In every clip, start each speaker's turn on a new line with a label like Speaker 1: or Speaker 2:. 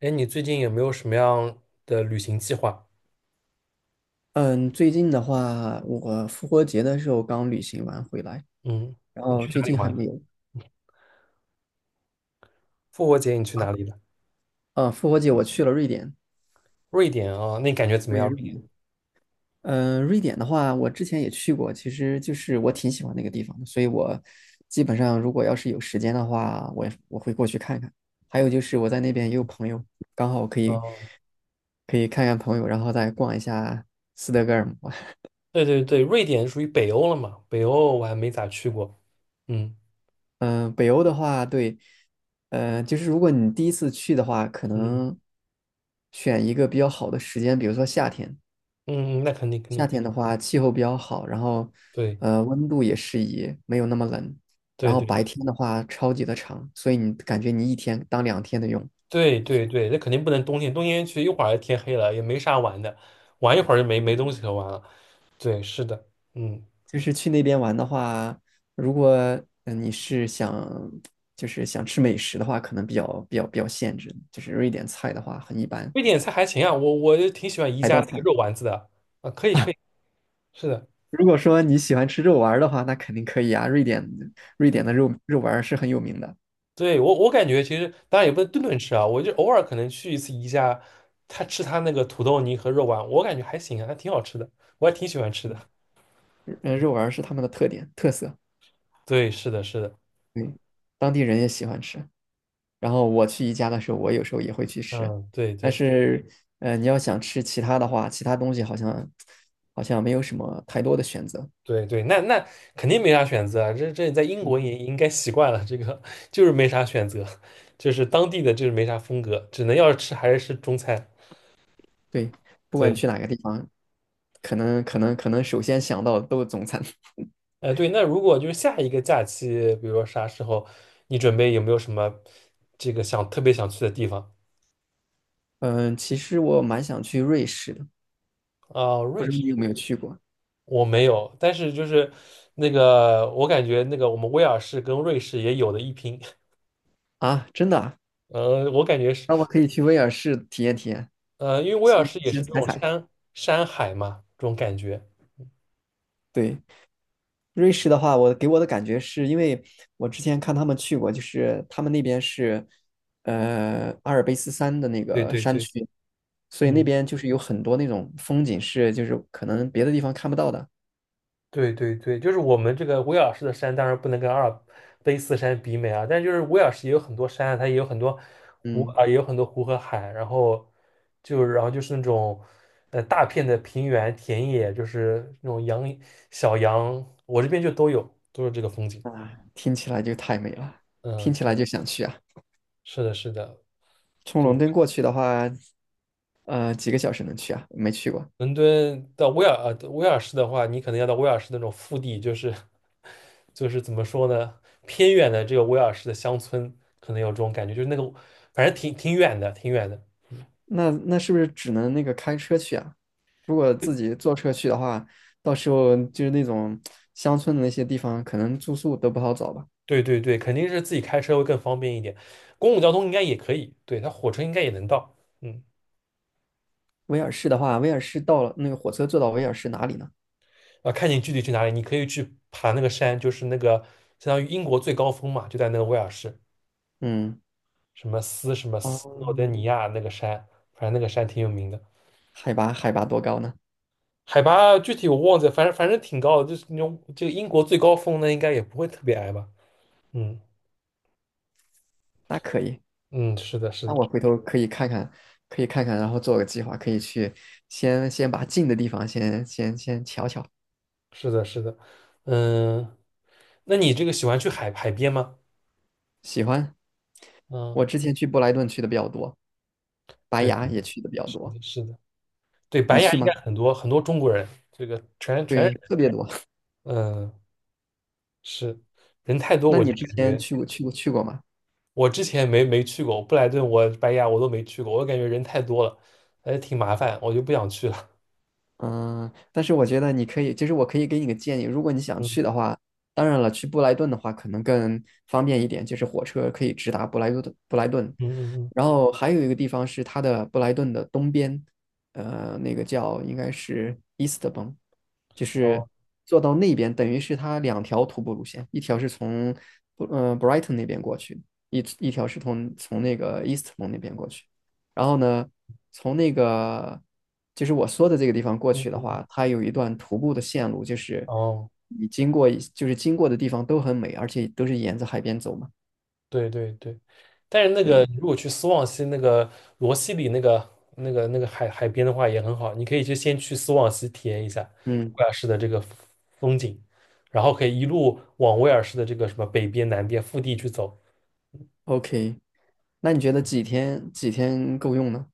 Speaker 1: 哎，你最近有没有什么样的旅行计划？
Speaker 2: 嗯，最近的话，我复活节的时候刚旅行完回来，
Speaker 1: 嗯，
Speaker 2: 然
Speaker 1: 你
Speaker 2: 后
Speaker 1: 去
Speaker 2: 最
Speaker 1: 哪里
Speaker 2: 近还
Speaker 1: 玩？
Speaker 2: 没有。
Speaker 1: 复活节你去哪里了？
Speaker 2: 嗯，复活节我去了瑞典，
Speaker 1: 瑞典啊，那你感觉怎么
Speaker 2: 对，
Speaker 1: 样？瑞
Speaker 2: 瑞
Speaker 1: 典？
Speaker 2: 典。嗯，瑞典的话，我之前也去过，其实就是我挺喜欢那个地方的，所以我基本上如果要是有时间的话，我会过去看看。还有就是我在那边也有朋友，刚好可以
Speaker 1: 哦，
Speaker 2: 可以看看朋友，然后再逛一下斯德哥尔摩。
Speaker 1: 对对对，瑞典属于北欧了嘛？北欧我还没咋去过。嗯
Speaker 2: 北欧的话，对，就是如果你第一次去的话，可
Speaker 1: 嗯
Speaker 2: 能选一个比较好的时间，比如说夏天。
Speaker 1: 嗯，那肯定，
Speaker 2: 夏天的话，气候比较好，然后
Speaker 1: 对
Speaker 2: 温度也适宜，没有那么冷。然
Speaker 1: 对
Speaker 2: 后
Speaker 1: 对
Speaker 2: 白天的话，超级的长，所以你感觉你一天当两天的用。
Speaker 1: 对对对，那肯定不能冬天，冬天去一会儿天黑了，也没啥玩的，玩一会儿就没东西可玩了。对，是的，嗯，
Speaker 2: 就是去那边玩的话，如果你是想就是想吃美食的话，可能比较限制，就是瑞典菜的话很一般，
Speaker 1: 瑞典菜还行啊，我就挺喜欢宜
Speaker 2: 海
Speaker 1: 家
Speaker 2: 盗
Speaker 1: 那个
Speaker 2: 菜。
Speaker 1: 肉丸子的啊，可以可以，是的。
Speaker 2: 如果说你喜欢吃肉丸儿的话，那肯定可以啊。瑞典，瑞典的
Speaker 1: 嗯。
Speaker 2: 肉丸儿是很有名的。
Speaker 1: 对，我感觉其实当然也不能顿顿吃啊，我就偶尔可能去一次宜家，他吃他那个土豆泥和肉丸，我感觉还行啊，还挺好吃的，我还挺喜欢吃
Speaker 2: 嗯
Speaker 1: 的。
Speaker 2: 肉丸儿是他们的特点特色，
Speaker 1: 对，是的，是的，
Speaker 2: 对，当地人也喜欢吃。然后我去宜家的时候，我有时候也会去吃，
Speaker 1: 嗯，对
Speaker 2: 但
Speaker 1: 对
Speaker 2: 是，你要想吃其他的话，其他东西好像没有什么太多的选择。
Speaker 1: 对对，那肯定没啥选择啊，这在英
Speaker 2: 嗯，
Speaker 1: 国也应该习惯了，这个就是没啥选择，就是当地的就是没啥风格，只能要是吃还是吃中餐。
Speaker 2: 对，不管你
Speaker 1: 对，
Speaker 2: 去哪个地方，可能首先想到的都是中餐。
Speaker 1: 对，那如果就是下一个假期，比如说啥时候，你准备有没有什么这个想特别想去的地方
Speaker 2: 嗯，其实我蛮想去瑞士的，
Speaker 1: 啊？
Speaker 2: 不
Speaker 1: 瑞
Speaker 2: 知道你有
Speaker 1: 士。
Speaker 2: 没有去过
Speaker 1: 我没有，但是就是那个，我感觉那个我们威尔士跟瑞士也有的一拼。
Speaker 2: 啊？真的啊，
Speaker 1: 我感觉是，
Speaker 2: 那我可以去威尔士体验体验，
Speaker 1: 因为威尔
Speaker 2: 先
Speaker 1: 士也是
Speaker 2: 先
Speaker 1: 这
Speaker 2: 踩
Speaker 1: 种
Speaker 2: 踩。
Speaker 1: 山海嘛，这种感觉。
Speaker 2: 对，瑞士的话，我给我的感觉是因为我之前看他们去过，就是他们那边是阿尔卑斯山的那
Speaker 1: 对
Speaker 2: 个
Speaker 1: 对
Speaker 2: 山
Speaker 1: 对，
Speaker 2: 区，所以那
Speaker 1: 嗯，
Speaker 2: 边就是有很多那种风景是就是可能别的地方看不到的。
Speaker 1: 对对对，就是我们这个威尔士的山，当然不能跟阿尔卑斯山比美啊，但是就是威尔士也有很多山啊，它也有很多湖
Speaker 2: 嗯，
Speaker 1: 啊，也有很多湖和海，然后就是那种大片的平原田野，就是那种小羊，我这边就都有，都是这个风景。
Speaker 2: 听起来就太美了，
Speaker 1: 嗯，
Speaker 2: 听起来
Speaker 1: 对，
Speaker 2: 就想去啊。
Speaker 1: 是的，是的，
Speaker 2: 从
Speaker 1: 对，
Speaker 2: 伦敦过去的话，几个小时能去啊？没去过。
Speaker 1: 伦敦到威尔士的话，你可能要到威尔士那种腹地，就是怎么说呢，偏远的这个威尔士的乡村，可能有这种感觉，就是那个反正挺远的，挺远的。
Speaker 2: 那那是不是只能那个开车去啊？如果自己坐车去的话，到时候就是那种乡村的那些地方，可能住宿都不好找吧。
Speaker 1: 对对对，肯定是自己开车会更方便一点，公共交通应该也可以，对，它火车应该也能到，嗯，
Speaker 2: 威尔士的话，威尔士到了那个火车坐到威尔士哪里呢？
Speaker 1: 啊，看你具体去哪里，你可以去爬那个山，就是那个相当于英国最高峰嘛，就在那个威尔士，
Speaker 2: 嗯，
Speaker 1: 什么斯
Speaker 2: 哦，
Speaker 1: 诺登尼亚那个山，反正那个山挺有名的，
Speaker 2: 海拔多高呢？
Speaker 1: 海拔具体我忘记了，反正挺高的，就是那种这个英国最高峰呢，应该也不会特别矮吧？嗯
Speaker 2: 那可以，
Speaker 1: 嗯，是的，是
Speaker 2: 那
Speaker 1: 的，
Speaker 2: 我回头可以看看，可以看看，然后做个计划，可以去先把近的地方先瞧瞧。
Speaker 1: 是的，是的，嗯，那你这个喜欢去海边吗？
Speaker 2: 喜欢，
Speaker 1: 嗯，
Speaker 2: 我之前去布莱顿去的比较多，白
Speaker 1: 对，
Speaker 2: 崖
Speaker 1: 对对
Speaker 2: 也去的比较
Speaker 1: 是
Speaker 2: 多。
Speaker 1: 的，是的，对，
Speaker 2: 你
Speaker 1: 白牙
Speaker 2: 去
Speaker 1: 应该
Speaker 2: 吗？
Speaker 1: 很多很多中国人，这个全，
Speaker 2: 对，特别多。
Speaker 1: 嗯，是，人太多，
Speaker 2: 那
Speaker 1: 我
Speaker 2: 你
Speaker 1: 就
Speaker 2: 之
Speaker 1: 感
Speaker 2: 前
Speaker 1: 觉。
Speaker 2: 去过吗？
Speaker 1: 我之前没去过布莱顿，我白崖我都没去过，我感觉人太多了，还挺麻烦，我就不想去了。
Speaker 2: 嗯，但是我觉得你可以，其实我可以给你个建议，如果你 想
Speaker 1: 嗯
Speaker 2: 去的话，当然了，去布莱顿的话可能更方便一点，就是火车可以直达布莱顿
Speaker 1: 嗯嗯
Speaker 2: 然后还有一个地方是它的布莱顿的东边，那个叫应该是 Eastbourne,就
Speaker 1: 嗯，
Speaker 2: 是
Speaker 1: 哦，
Speaker 2: 坐到那边，等于是它两条徒步路线，一条是从Brighton 那边过去，一条是从那个 Eastbourne 那边过去。然后呢，从那个就是我说的这个地方过
Speaker 1: 嗯
Speaker 2: 去的
Speaker 1: 嗯，
Speaker 2: 话，它有一段徒步的线路，就是
Speaker 1: 哦，
Speaker 2: 你经过一就是经过的地方都很美，而且都是沿着海边走嘛。
Speaker 1: 对对对，但是那个
Speaker 2: 对，
Speaker 1: 如果去斯旺西那个罗西里那个海边的话也很好，你可以去先去斯旺西体验一下
Speaker 2: 嗯
Speaker 1: 威尔士的这个风景，然后可以一路往威尔士的这个什么北边南边腹地去走，
Speaker 2: ，OK,那你觉得几天够用呢？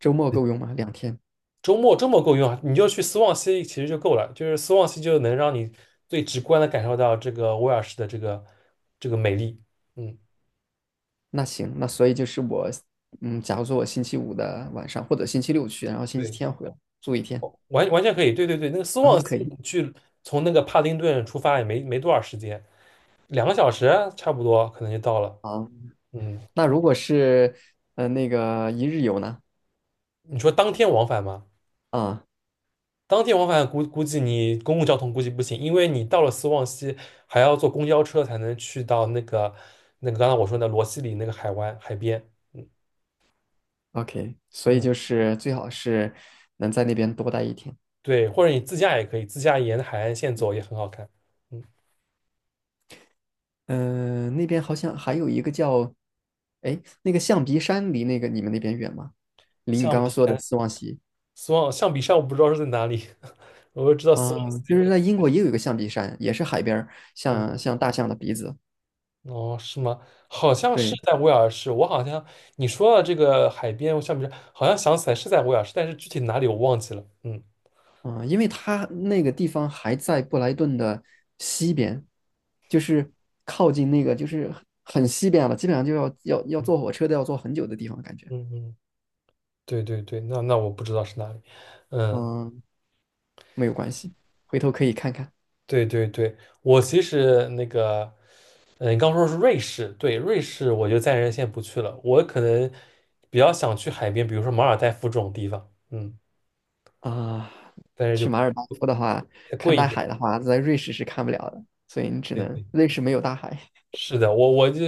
Speaker 2: 周末够用吗？两天？
Speaker 1: 周末够用啊，你就去斯旺西其实就够了，就是斯旺西就能让你最直观的感受到这个威尔士的这个美丽。嗯，
Speaker 2: 那行，那所以就是我，嗯，假如说我星期五的晚上或者星期六去，然后星期
Speaker 1: 对，
Speaker 2: 天回来住一天，
Speaker 1: 哦，完全可以，对对对，那个斯
Speaker 2: 两
Speaker 1: 旺
Speaker 2: 天
Speaker 1: 西
Speaker 2: 可以。
Speaker 1: 你去从那个帕丁顿出发也没多少时间，两个小时差不多可能就到了。
Speaker 2: 好，
Speaker 1: 嗯，
Speaker 2: 那如果是那个一日游呢？
Speaker 1: 你说当天往返吗？
Speaker 2: 啊。
Speaker 1: 当天往返估计你公共交通估计不行，因为你到了斯旺西还要坐公交车才能去到那个刚才我说的罗西里那个海湾海边。嗯
Speaker 2: OK,所以
Speaker 1: 嗯，
Speaker 2: 就是最好是能在那边多待一天。
Speaker 1: 对，或者你自驾也可以，自驾沿海岸线走也很好看。嗯，
Speaker 2: 嗯、那边好像还有一个叫，哎，那个象鼻山离那个你们那边远吗？离你刚
Speaker 1: 象
Speaker 2: 刚
Speaker 1: 鼻
Speaker 2: 说的
Speaker 1: 山，
Speaker 2: 斯旺西。
Speaker 1: 苏澳，象鼻山我不知道是在哪里，我就知道苏澳，
Speaker 2: 就是在英国也有一个象鼻山，也是海边儿
Speaker 1: 嗯，
Speaker 2: 像大象的鼻子。
Speaker 1: 哦，是吗？好像是
Speaker 2: 对，
Speaker 1: 在威尔士，我好像，你说到这个海边象鼻山，好像想起来是在威尔士，但是具体哪里我忘记了。嗯
Speaker 2: 因为它那个地方还在布莱顿的西边，就是靠近那个就是很西边了，基本上就要
Speaker 1: 嗯
Speaker 2: 坐火车都要坐很久的地方，感觉。
Speaker 1: 嗯嗯，对对对，那我不知道是哪里。嗯。
Speaker 2: 嗯、没有关系，回头可以看看。
Speaker 1: 对对对，我其实那个，嗯，你刚说是瑞士，对，瑞士我就暂时先不去了，我可能比较想去海边，比如说马尔代夫这种地方，嗯，
Speaker 2: 啊、
Speaker 1: 但是就
Speaker 2: 去马尔代夫的话，
Speaker 1: 再
Speaker 2: 看
Speaker 1: 贵一
Speaker 2: 大
Speaker 1: 点。
Speaker 2: 海的话，在瑞士是看不了的，所以你只
Speaker 1: 对
Speaker 2: 能，
Speaker 1: 对，
Speaker 2: 瑞士没有大海，
Speaker 1: 是的，我就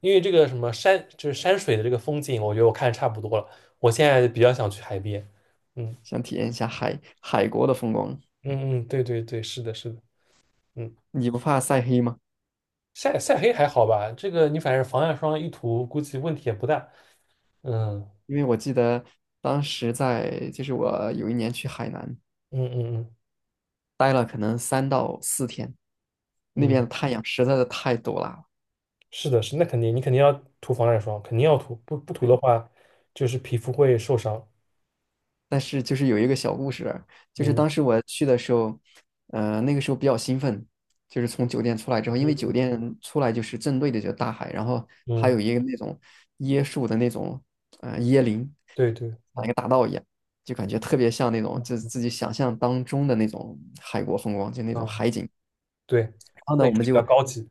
Speaker 1: 因为这个什么山，就是山水的这个风景，我觉得我看差不多了，我现在比较想去海边。嗯
Speaker 2: 想体验一下海海国的风光。
Speaker 1: 嗯嗯，对对对，是的，是的，嗯，
Speaker 2: 你不怕晒黑吗？
Speaker 1: 晒黑还好吧，这个你反正防晒霜一涂，估计问题也不大。嗯
Speaker 2: 因为我记得当时在，就是我有一年去海南，
Speaker 1: 嗯嗯嗯
Speaker 2: 待了可能三到四天，那边
Speaker 1: 嗯。
Speaker 2: 的太阳实在是太毒辣。
Speaker 1: 是的，是，那肯定，你肯定要涂防晒霜，肯定要涂，不涂的话，就是皮肤会受伤。
Speaker 2: 但是就是有一个小故事，就是
Speaker 1: 嗯
Speaker 2: 当时我去的时候，那个时候比较兴奋，就是从酒店出来之后，因
Speaker 1: 嗯
Speaker 2: 为酒店出来就是正对着就大海，然后还
Speaker 1: 嗯，
Speaker 2: 有一个那种椰树的那种椰林，
Speaker 1: 对对，
Speaker 2: 像
Speaker 1: 嗯
Speaker 2: 一个大道一样，就感觉特别像那种就自己想象当中的那种海国风光，就那种
Speaker 1: 嗯，
Speaker 2: 海景。
Speaker 1: 对，
Speaker 2: 然后呢，
Speaker 1: 那
Speaker 2: 我
Speaker 1: 个
Speaker 2: 们
Speaker 1: 比较
Speaker 2: 就，
Speaker 1: 高级。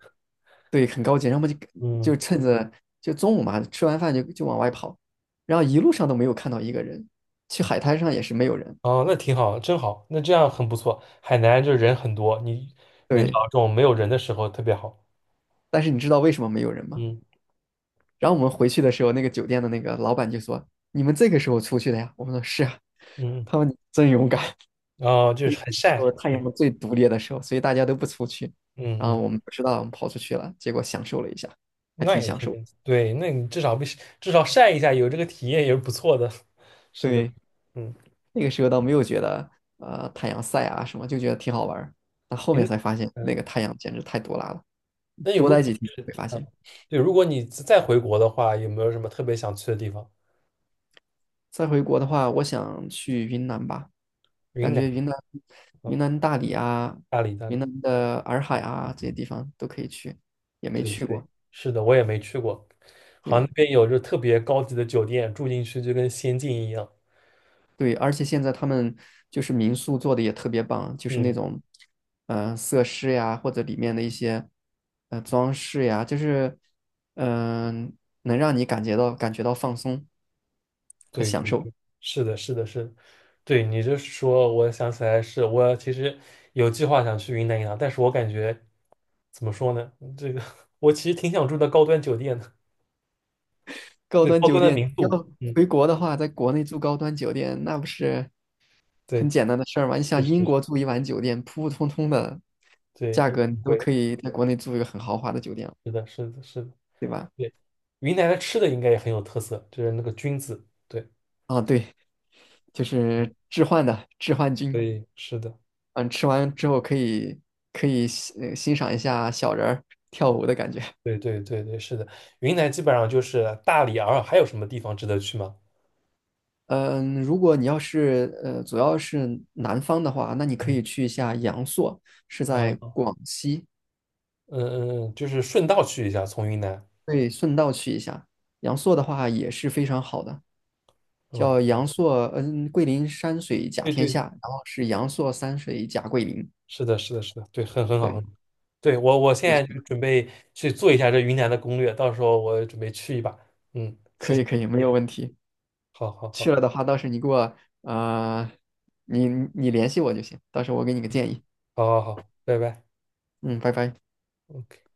Speaker 2: 对很高级，然后我们就
Speaker 1: 嗯，
Speaker 2: 就趁着就中午嘛，吃完饭就往外跑，然后一路上都没有看到一个人，去海滩上也是没有人，
Speaker 1: 哦，那挺好，真好，那这样很不错。海南就是人很多，你能找
Speaker 2: 对。
Speaker 1: 到这种没有人的时候特别好。
Speaker 2: 但是你知道为什么没有人吗？
Speaker 1: 嗯
Speaker 2: 然后我们回去的时候，那个酒店的那个老板就说："你们这个时候出去的呀？"我们说："是啊。"
Speaker 1: 嗯，
Speaker 2: 他们真勇敢。
Speaker 1: 哦，就
Speaker 2: 因
Speaker 1: 是
Speaker 2: 为
Speaker 1: 很
Speaker 2: 那时
Speaker 1: 晒。
Speaker 2: 候太
Speaker 1: 对，
Speaker 2: 阳最毒烈的时候，所以大家都不出去。然后
Speaker 1: 嗯
Speaker 2: 我
Speaker 1: 嗯，
Speaker 2: 们不知道，我们跑出去了，结果享受了一下，还
Speaker 1: 那
Speaker 2: 挺
Speaker 1: 也
Speaker 2: 享受的。
Speaker 1: 挺，对，那你至少不至少晒一下，有这个体验也是不错的。是的，
Speaker 2: 对，
Speaker 1: 嗯，
Speaker 2: 那个时候倒没有觉得太阳晒啊什么，就觉得挺好玩儿。但后面
Speaker 1: 您
Speaker 2: 才发现，那
Speaker 1: 嗯。
Speaker 2: 个太阳简直太毒辣了。
Speaker 1: 那你
Speaker 2: 多
Speaker 1: 如
Speaker 2: 待几天会发
Speaker 1: 嗯，
Speaker 2: 现。
Speaker 1: 对，如果你再回国的话，有没有什么特别想去的地方？
Speaker 2: 再回国的话，我想去云南吧。
Speaker 1: 云
Speaker 2: 感
Speaker 1: 南，
Speaker 2: 觉云南、
Speaker 1: 嗯，
Speaker 2: 云南大理啊、
Speaker 1: 大理，大
Speaker 2: 云
Speaker 1: 理，
Speaker 2: 南的洱海啊这些地方都可以去，也没
Speaker 1: 对
Speaker 2: 去
Speaker 1: 对，
Speaker 2: 过。
Speaker 1: 是的，我也没去过。好像那
Speaker 2: 对
Speaker 1: 边有就特别高级的酒店，住进去就跟仙境一样。
Speaker 2: 对，而且现在他们就是民宿做的也特别棒，就是那
Speaker 1: 嗯，
Speaker 2: 种设施呀，或者里面的一些装饰呀，就是嗯、能让你感觉到放松和
Speaker 1: 对
Speaker 2: 享
Speaker 1: 对
Speaker 2: 受。
Speaker 1: 对，是的，是的，是的。对你这说，我想起来是，我其实有计划想去云南一趟，但是我感觉怎么说呢？这个 我其实挺想住的高端酒店的，
Speaker 2: 高
Speaker 1: 对，
Speaker 2: 端
Speaker 1: 高
Speaker 2: 酒
Speaker 1: 端的
Speaker 2: 店
Speaker 1: 民
Speaker 2: 要
Speaker 1: 宿。嗯，
Speaker 2: 回国的话，在国内住高端酒店，那不是
Speaker 1: 对，
Speaker 2: 很简单的事儿吗？你想
Speaker 1: 是
Speaker 2: 英
Speaker 1: 是是，
Speaker 2: 国住一晚酒店，普普通通的
Speaker 1: 对，
Speaker 2: 价
Speaker 1: 也
Speaker 2: 格，你
Speaker 1: 挺
Speaker 2: 都
Speaker 1: 贵。
Speaker 2: 可以在国内住一个很豪华的酒店了，
Speaker 1: 是的，是的，是的。
Speaker 2: 对吧？
Speaker 1: 对，云南的吃的应该也很有特色，就是那个菌子。对，
Speaker 2: 啊，对，就是置换的置换
Speaker 1: 所
Speaker 2: 君，
Speaker 1: 以是的，
Speaker 2: 嗯，吃完之后可以可以欣欣赏一下小人儿跳舞的感觉。
Speaker 1: 对，对，对，对，是的，云南基本上就是大理、洱海，还有什么地方值得去吗？
Speaker 2: 嗯，如果你要是主要是南方的话，那你可
Speaker 1: 嗯，
Speaker 2: 以去一下阳朔，是在
Speaker 1: 啊，
Speaker 2: 广西。
Speaker 1: 嗯嗯，嗯，就是顺道去一下，从云南。
Speaker 2: 对，顺道去一下。阳朔的话也是非常好的，
Speaker 1: OK，
Speaker 2: 叫阳朔，嗯，桂林山水甲
Speaker 1: 对
Speaker 2: 天
Speaker 1: 对，
Speaker 2: 下，然后是阳朔山水甲桂林。
Speaker 1: 是的，是的，是的，对，很好。很
Speaker 2: 对，
Speaker 1: 好。对，我现
Speaker 2: 也去
Speaker 1: 在就准备去做一下这云南的攻略，到时候我准备去一把。嗯，谢
Speaker 2: 可
Speaker 1: 谢，
Speaker 2: 以
Speaker 1: 谢
Speaker 2: 可以，没有
Speaker 1: 谢，
Speaker 2: 问题。
Speaker 1: 好好
Speaker 2: 去
Speaker 1: 好，
Speaker 2: 了的话，到时你给我，呃，你你联系我就行，到时候我给你个建议。
Speaker 1: 好好好，拜拜。
Speaker 2: 嗯，拜拜。
Speaker 1: OK。